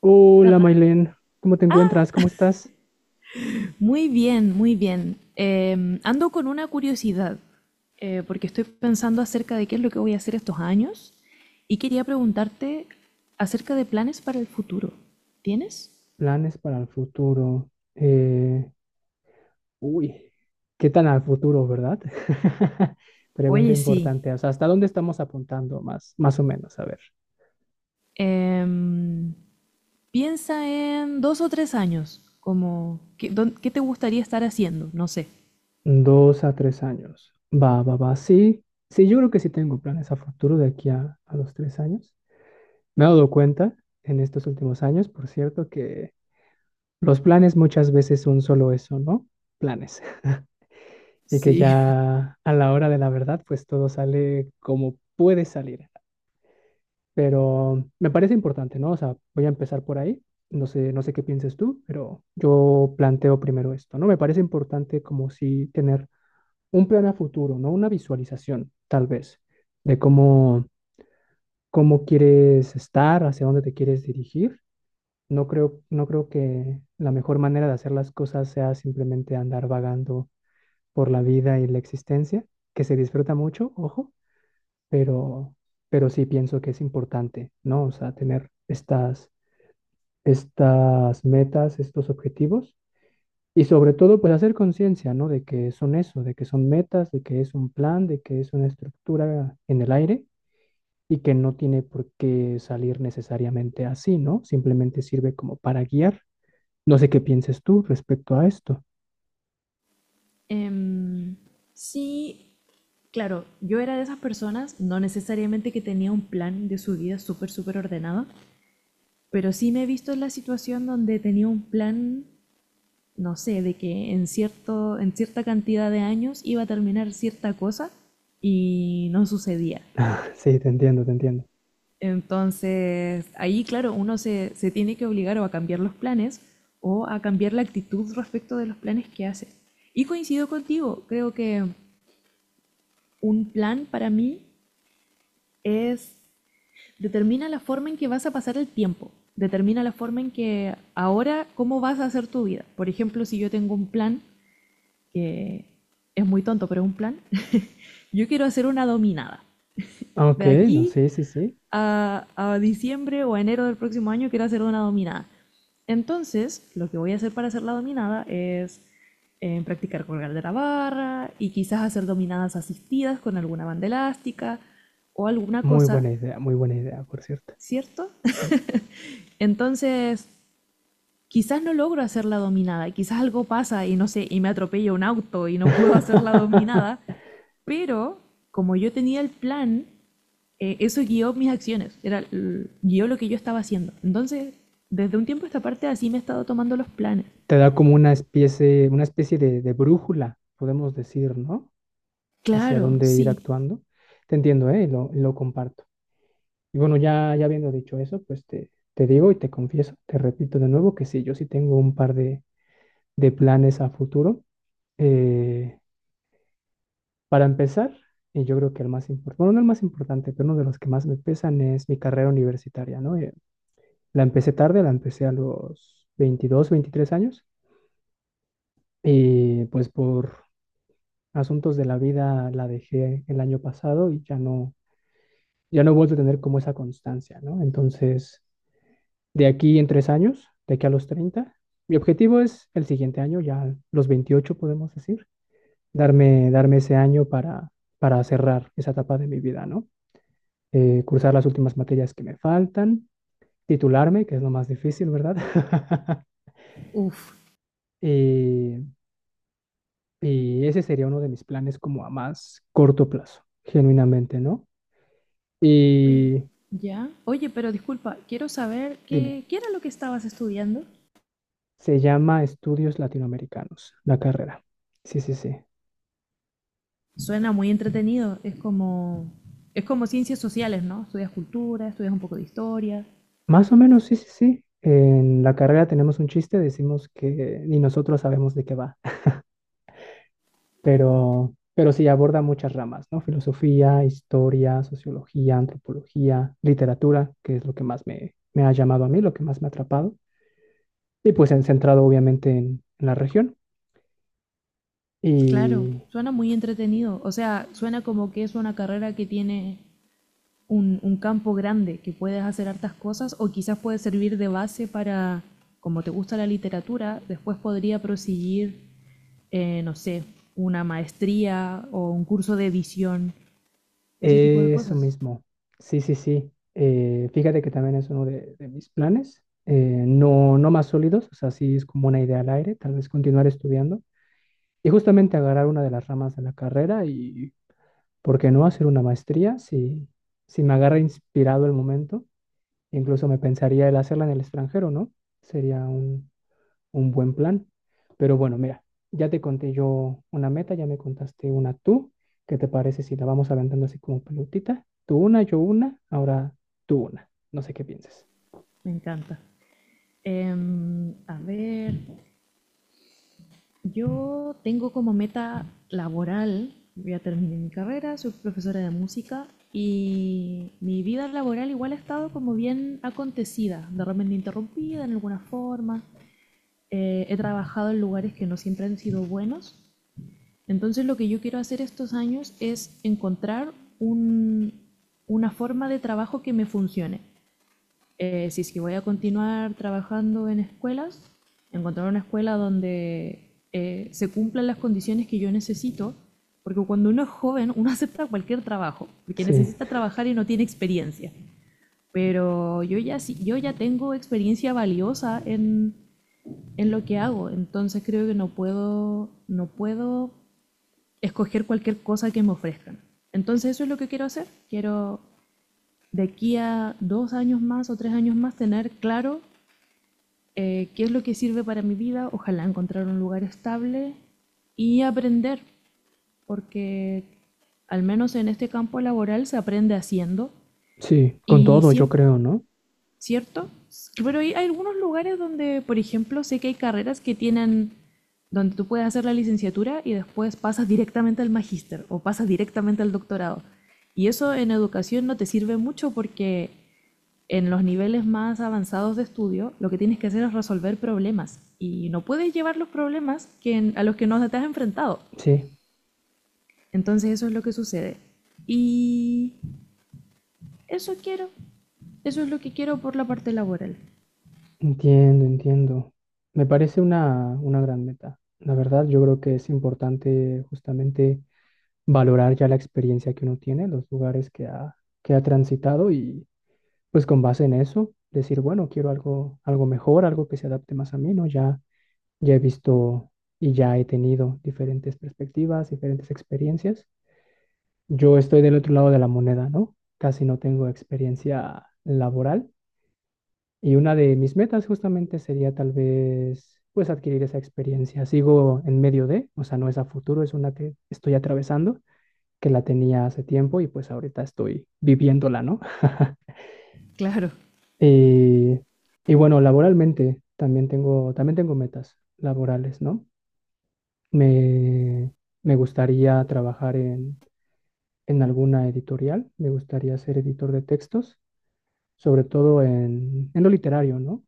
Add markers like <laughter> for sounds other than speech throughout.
Hola, Ferran. Mailén, ¿cómo te encuentras? ¿Cómo estás? Muy bien, muy bien. Ando con una curiosidad, porque estoy pensando acerca de qué es lo que voy a hacer estos años y quería preguntarte acerca de planes para el futuro. ¿Tienes? Planes para el futuro. Uy, ¿Qué tan al futuro, verdad? <laughs> Pregunta Oye, sí. importante. O sea, ¿hasta dónde estamos apuntando más, más o menos? A ver, Em, Piensa en dos o tres años, como, ¿qué, qué te gustaría estar haciendo? No sé. dos a tres años. Va, va, va. Sí, sí, yo creo que sí tengo planes a futuro de aquí a los tres años. Me he dado cuenta en estos últimos años, por cierto, que los planes muchas veces son solo eso, ¿no? Planes. <laughs> Y que Sí. ya a la hora de la verdad, pues todo sale como puede salir. Pero me parece importante, ¿no? O sea, voy a empezar por ahí. No sé qué pienses tú, pero yo planteo primero esto, ¿no? Me parece importante como si tener un plan a futuro, ¿no? Una visualización, tal vez, de cómo quieres estar, hacia dónde te quieres dirigir. No creo que la mejor manera de hacer las cosas sea simplemente andar vagando por la vida y la existencia, que se disfruta mucho, ojo, pero, pero sí pienso que es importante, ¿no? O sea, tener estas metas, estos objetivos y sobre todo, pues hacer conciencia, ¿no? De que son eso, de que son metas, de que es un plan, de que es una estructura en el aire y que no tiene por qué salir necesariamente así, ¿no? Simplemente sirve como para guiar. No sé qué pienses tú respecto a esto. Em, sí, claro, yo era de esas personas, no necesariamente que tenía un plan de su vida súper ordenado, pero sí me he visto en la situación donde tenía un plan, no sé, de que en cierta cantidad de años iba a terminar cierta cosa y no sucedía. <laughs> Sí, te entiendo. Entonces, ahí, claro, uno se tiene que obligar o a cambiar los planes o a cambiar la actitud respecto de los planes que hace. Y coincido contigo, creo que un plan para mí es. Determina la forma en que vas a pasar el tiempo. Determina la forma en que ahora, cómo vas a hacer tu vida. Por ejemplo, si yo tengo un plan, que es muy tonto, pero es un plan, <laughs> yo quiero hacer una dominada. Ok, De no, aquí sí, sí, sí. A diciembre o a enero del próximo año quiero hacer una dominada. Entonces, lo que voy a hacer para hacer la dominada es practicar colgar de la barra y quizás hacer dominadas asistidas con alguna banda elástica o alguna Muy cosa, buena idea, muy buena idea, por cierto. ¿cierto? <laughs> Entonces, quizás no logro hacer la dominada, quizás algo pasa y no sé, y me atropella un auto y no <laughs> puedo hacer la dominada, <laughs> pero como yo tenía el plan, eso guió mis acciones, guió lo que yo estaba haciendo. Entonces, desde un tiempo a esta parte así me he estado tomando los planes. Te da como una especie de brújula, podemos decir, ¿no? Hacia Claro, dónde ir sí. actuando. Te entiendo, ¿eh? Y lo comparto. Y bueno, ya habiendo dicho eso, pues te digo y te confieso, te repito de nuevo que sí, yo sí tengo un par de planes a futuro. Eh, para empezar, y yo creo que el más importante, bueno, no el más importante, pero uno de los que más me pesan es mi carrera universitaria, ¿no? La empecé tarde, la empecé a los 22, 23 años y pues por asuntos de la vida la dejé el año pasado y ya no, ya no he vuelto a tener como esa constancia, ¿no? Entonces, de aquí en tres años, de aquí a los 30, mi objetivo es el siguiente año, ya los 28 podemos decir, darme ese año para cerrar esa etapa de mi vida, ¿no? Cursar las últimas materias que me faltan, titularme, que es lo más difícil, ¿verdad? <laughs> Uf. y Y ese sería uno de mis planes como a más corto plazo, genuinamente, ¿no? Oye, Y ya. Oye, pero disculpa, quiero saber dime, qué era lo que estabas estudiando. se llama Estudios Latinoamericanos, la carrera. Sí, sí, sí. Suena muy entretenido, es como... Es como ciencias sociales, ¿no? Estudias cultura, estudias un poco de historia. Más o menos, sí, sí, sí. En la carrera tenemos un chiste, decimos que ni nosotros sabemos de qué va, <laughs> pero sí aborda muchas ramas, ¿no? Filosofía, historia, sociología, antropología, literatura, que es lo que más me ha llamado a mí, lo que más me ha atrapado. Y pues en- centrado obviamente en la región. Claro, Y suena muy entretenido. O sea, suena como que es una carrera que tiene un campo grande, que puedes hacer hartas cosas o quizás puede servir de base para, como te gusta la literatura, después podría proseguir, no sé, una maestría o un curso de edición, ese tipo de eso cosas. mismo. Sí, sí, sí. Fíjate que también es uno de mis planes. No, no más sólidos, o sea, sí es como una idea al aire, tal vez continuar estudiando y justamente agarrar una de las ramas de la carrera y ¿por qué no hacer una maestría? Si, si me agarra inspirado el momento, incluso me pensaría el hacerla en el extranjero, ¿no? Sería un buen plan. Pero bueno, mira, ya te conté yo una meta, ya me contaste una tú. ¿Qué te parece si la vamos aventando así como pelotita? Tú una, yo una, ahora tú una. No sé qué pienses. Me encanta. A ver, yo tengo como meta laboral, yo ya terminé mi carrera, soy profesora de música y mi vida laboral igual ha estado como bien acontecida, de repente interrumpida en alguna forma. He trabajado en lugares que no siempre han sido buenos. Entonces lo que yo quiero hacer estos años es encontrar un, una forma de trabajo que me funcione, si es que voy a continuar trabajando en escuelas, encontrar una escuela donde se cumplan las condiciones que yo necesito, porque cuando uno es joven, uno <laughs> acepta cualquier trabajo, porque Sí, necesita trabajar y no tiene experiencia. Pero yo ya, sí, yo ya tengo experiencia valiosa en lo que hago, entonces creo que no puedo escoger cualquier cosa que me ofrezcan. Entonces eso es lo que quiero hacer. Quiero de aquí a dos años más o tres años más tener claro, qué es lo que sirve para mi vida, ojalá encontrar un lugar estable y aprender, porque al menos en este campo laboral se aprende haciendo sí, con y todo yo siempre, creo, ¿no? ¿cierto? Pero hay algunos lugares donde, por ejemplo, sé que hay carreras que tienen donde tú puedes hacer la licenciatura y después pasas directamente al magíster o pasas directamente al doctorado. Y eso en educación no te sirve mucho porque en los niveles más avanzados de estudio, lo que tienes que hacer es resolver problemas y no puedes llevar los problemas que a los que no te has enfrentado. Sí, Entonces eso es lo que sucede. Y eso quiero. Eso es lo que quiero por la parte laboral. entiendo. Me parece una gran meta. La verdad, yo creo que es importante justamente valorar ya la experiencia que uno tiene, los lugares que ha transitado y pues con base en eso, decir, bueno, quiero algo, algo mejor, algo que se adapte más a mí, ¿no? Ya, ya he visto y ya he tenido diferentes perspectivas, diferentes experiencias. Yo estoy del otro lado de la moneda, ¿no? Casi no tengo experiencia laboral y una de mis metas justamente sería tal vez, pues, adquirir esa experiencia. Sigo en medio de, o sea, no es a futuro, es una que estoy atravesando, que la tenía hace tiempo y pues ahorita estoy viviéndola, ¿no? <laughs> Claro. Y, y bueno, laboralmente también tengo metas laborales, ¿no? Me, me gustaría trabajar en alguna editorial, me gustaría ser editor de textos, sobre todo en lo literario, ¿no?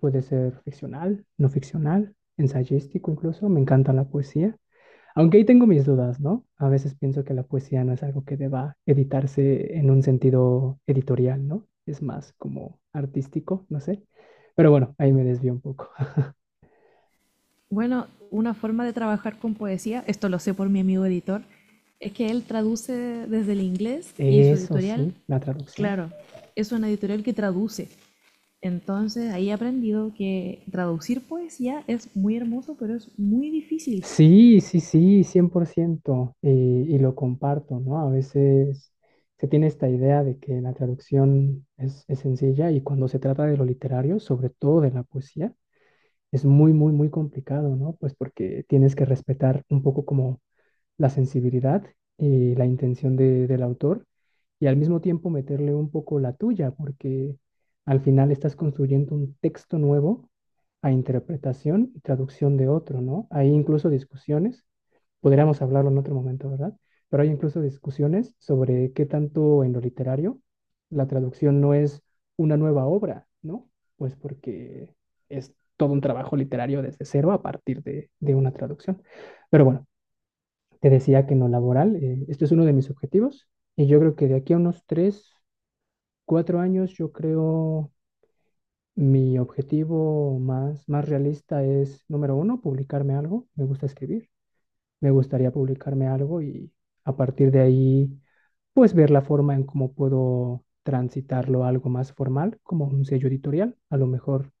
Puede ser ficcional, no ficcional, ensayístico incluso, me encanta la poesía. Aunque ahí tengo mis dudas, ¿no? A veces pienso que la poesía no es algo que deba editarse en un sentido editorial, ¿no? Es más como artístico, no sé. Pero bueno, ahí me desvío un poco. <laughs> Bueno, una forma de trabajar con poesía, esto lo sé por mi amigo editor, es que él traduce desde el inglés y su Eso editorial, sí, la traducción. claro, es una editorial que traduce. Entonces ahí he aprendido que traducir poesía es muy hermoso, pero es muy difícil. Sí, sí, sí, 100%. Y lo comparto, ¿no? A veces se tiene esta idea de que la traducción es sencilla y cuando se trata de lo literario, sobre todo de la poesía, es muy, muy, muy complicado, ¿no? Pues porque tienes que respetar un poco como la sensibilidad y la intención de- del autor y al mismo tiempo meterle un poco la tuya, porque al final estás construyendo un texto nuevo a interpretación y traducción de otro, ¿no? Hay incluso discusiones, podríamos hablarlo en otro momento, ¿verdad? Pero hay incluso discusiones sobre qué tanto en lo literario la traducción no es una nueva obra, ¿no? Pues porque es todo un trabajo literario desde cero a partir de una traducción. Pero bueno, te decía que en lo laboral, este es uno de mis objetivos y yo creo que de aquí a unos tres, cuatro años, yo creo mi objetivo más, más realista es, número uno, publicarme algo, me gusta escribir me gustaría publicarme algo y a partir de ahí, pues ver la forma en cómo puedo transitarlo a algo más formal, como un sello editorial, a lo mejor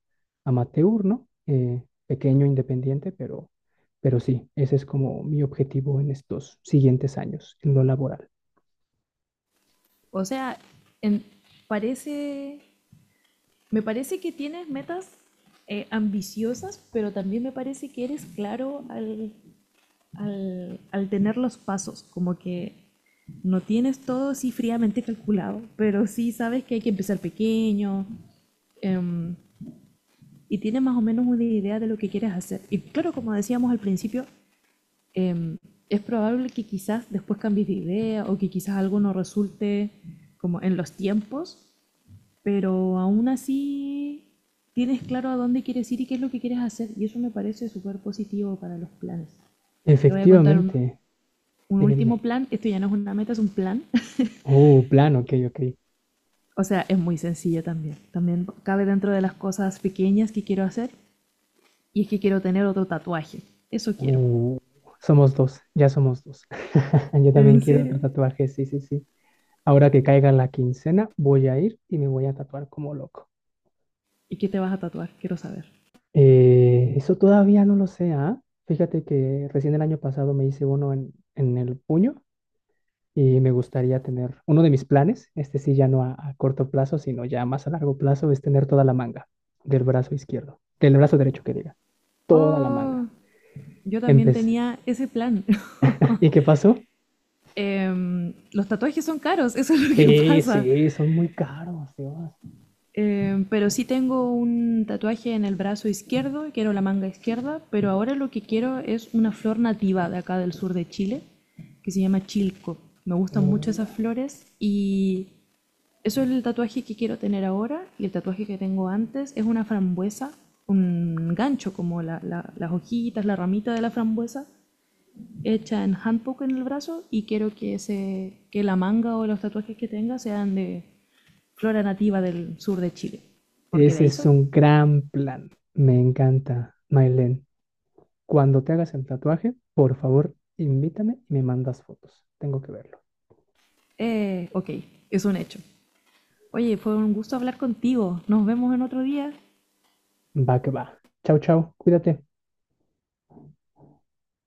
amateur, ¿no? Pequeño, independiente, pero sí, ese es como mi objetivo en estos siguientes años, en lo laboral. O sea, en- parece, me parece que tienes metas, ambiciosas, pero también me parece que eres claro al tener los pasos, como que no tienes todo así fríamente calculado, pero sí sabes que hay que empezar pequeño, em, y tienes más o menos una idea de lo que quieres hacer. Y claro, como decíamos al principio, em, es probable que quizás después cambies de idea o que quizás algo no resulte como en los tiempos, pero aún así tienes claro a dónde quieres ir y qué es lo que quieres hacer y eso me parece súper positivo para los planes. Te voy a contar Efectivamente, un dime, último dime. plan, esto ya no es una meta, es un plan. Plan, ok, ok. <laughs> O sea, es muy sencillo también. También cabe dentro de las cosas pequeñas que quiero hacer y es que quiero tener otro tatuaje. Eso quiero. Uh, somos dos, ya somos dos. <laughs> Yo ¿En también quiero otro serio? tatuaje, sí, sí, sí. Ahora que caiga la quincena, voy a ir y me voy a tatuar como loco. ¿Y qué te vas a tatuar? Quiero saber. Eso todavía no lo sé, ¿ah? Fíjate que recién el año pasado me hice uno en el puño y me gustaría tener uno de mis planes, este sí ya no a corto plazo, sino ya más a largo plazo, es tener toda la manga del brazo izquierdo, del brazo derecho que diga, toda la manga. Oh, yo también Empecé. tenía ese plan. <laughs> ¿Y qué pasó? Los tatuajes son caros, eso es lo que Sí, pasa. sí, son muy caros, Dios. Pero sí tengo un tatuaje en el brazo izquierdo, quiero la manga izquierda, pero ahora lo que quiero es una flor nativa de acá del sur de Chile, que se llama chilco. Me gustan mucho esas Uh, flores y eso es el tatuaje que quiero tener ahora y el tatuaje que tengo antes es una frambuesa, un gancho como las hojitas, la ramita de la frambuesa hecha en handpoke en el brazo y quiero que, ese que la manga o los tatuajes que tenga sean de flora nativa del sur de Chile, porque de Ese ahí es soy. un gran plan. Me encanta, Mailen. Cuando te hagas el tatuaje, por favor, invítame y me mandas fotos. Tengo que verlo. Ok, es un hecho. Oye, fue un gusto hablar contigo. Nos vemos en otro día. Va que va. Chau, chau. Cuídate.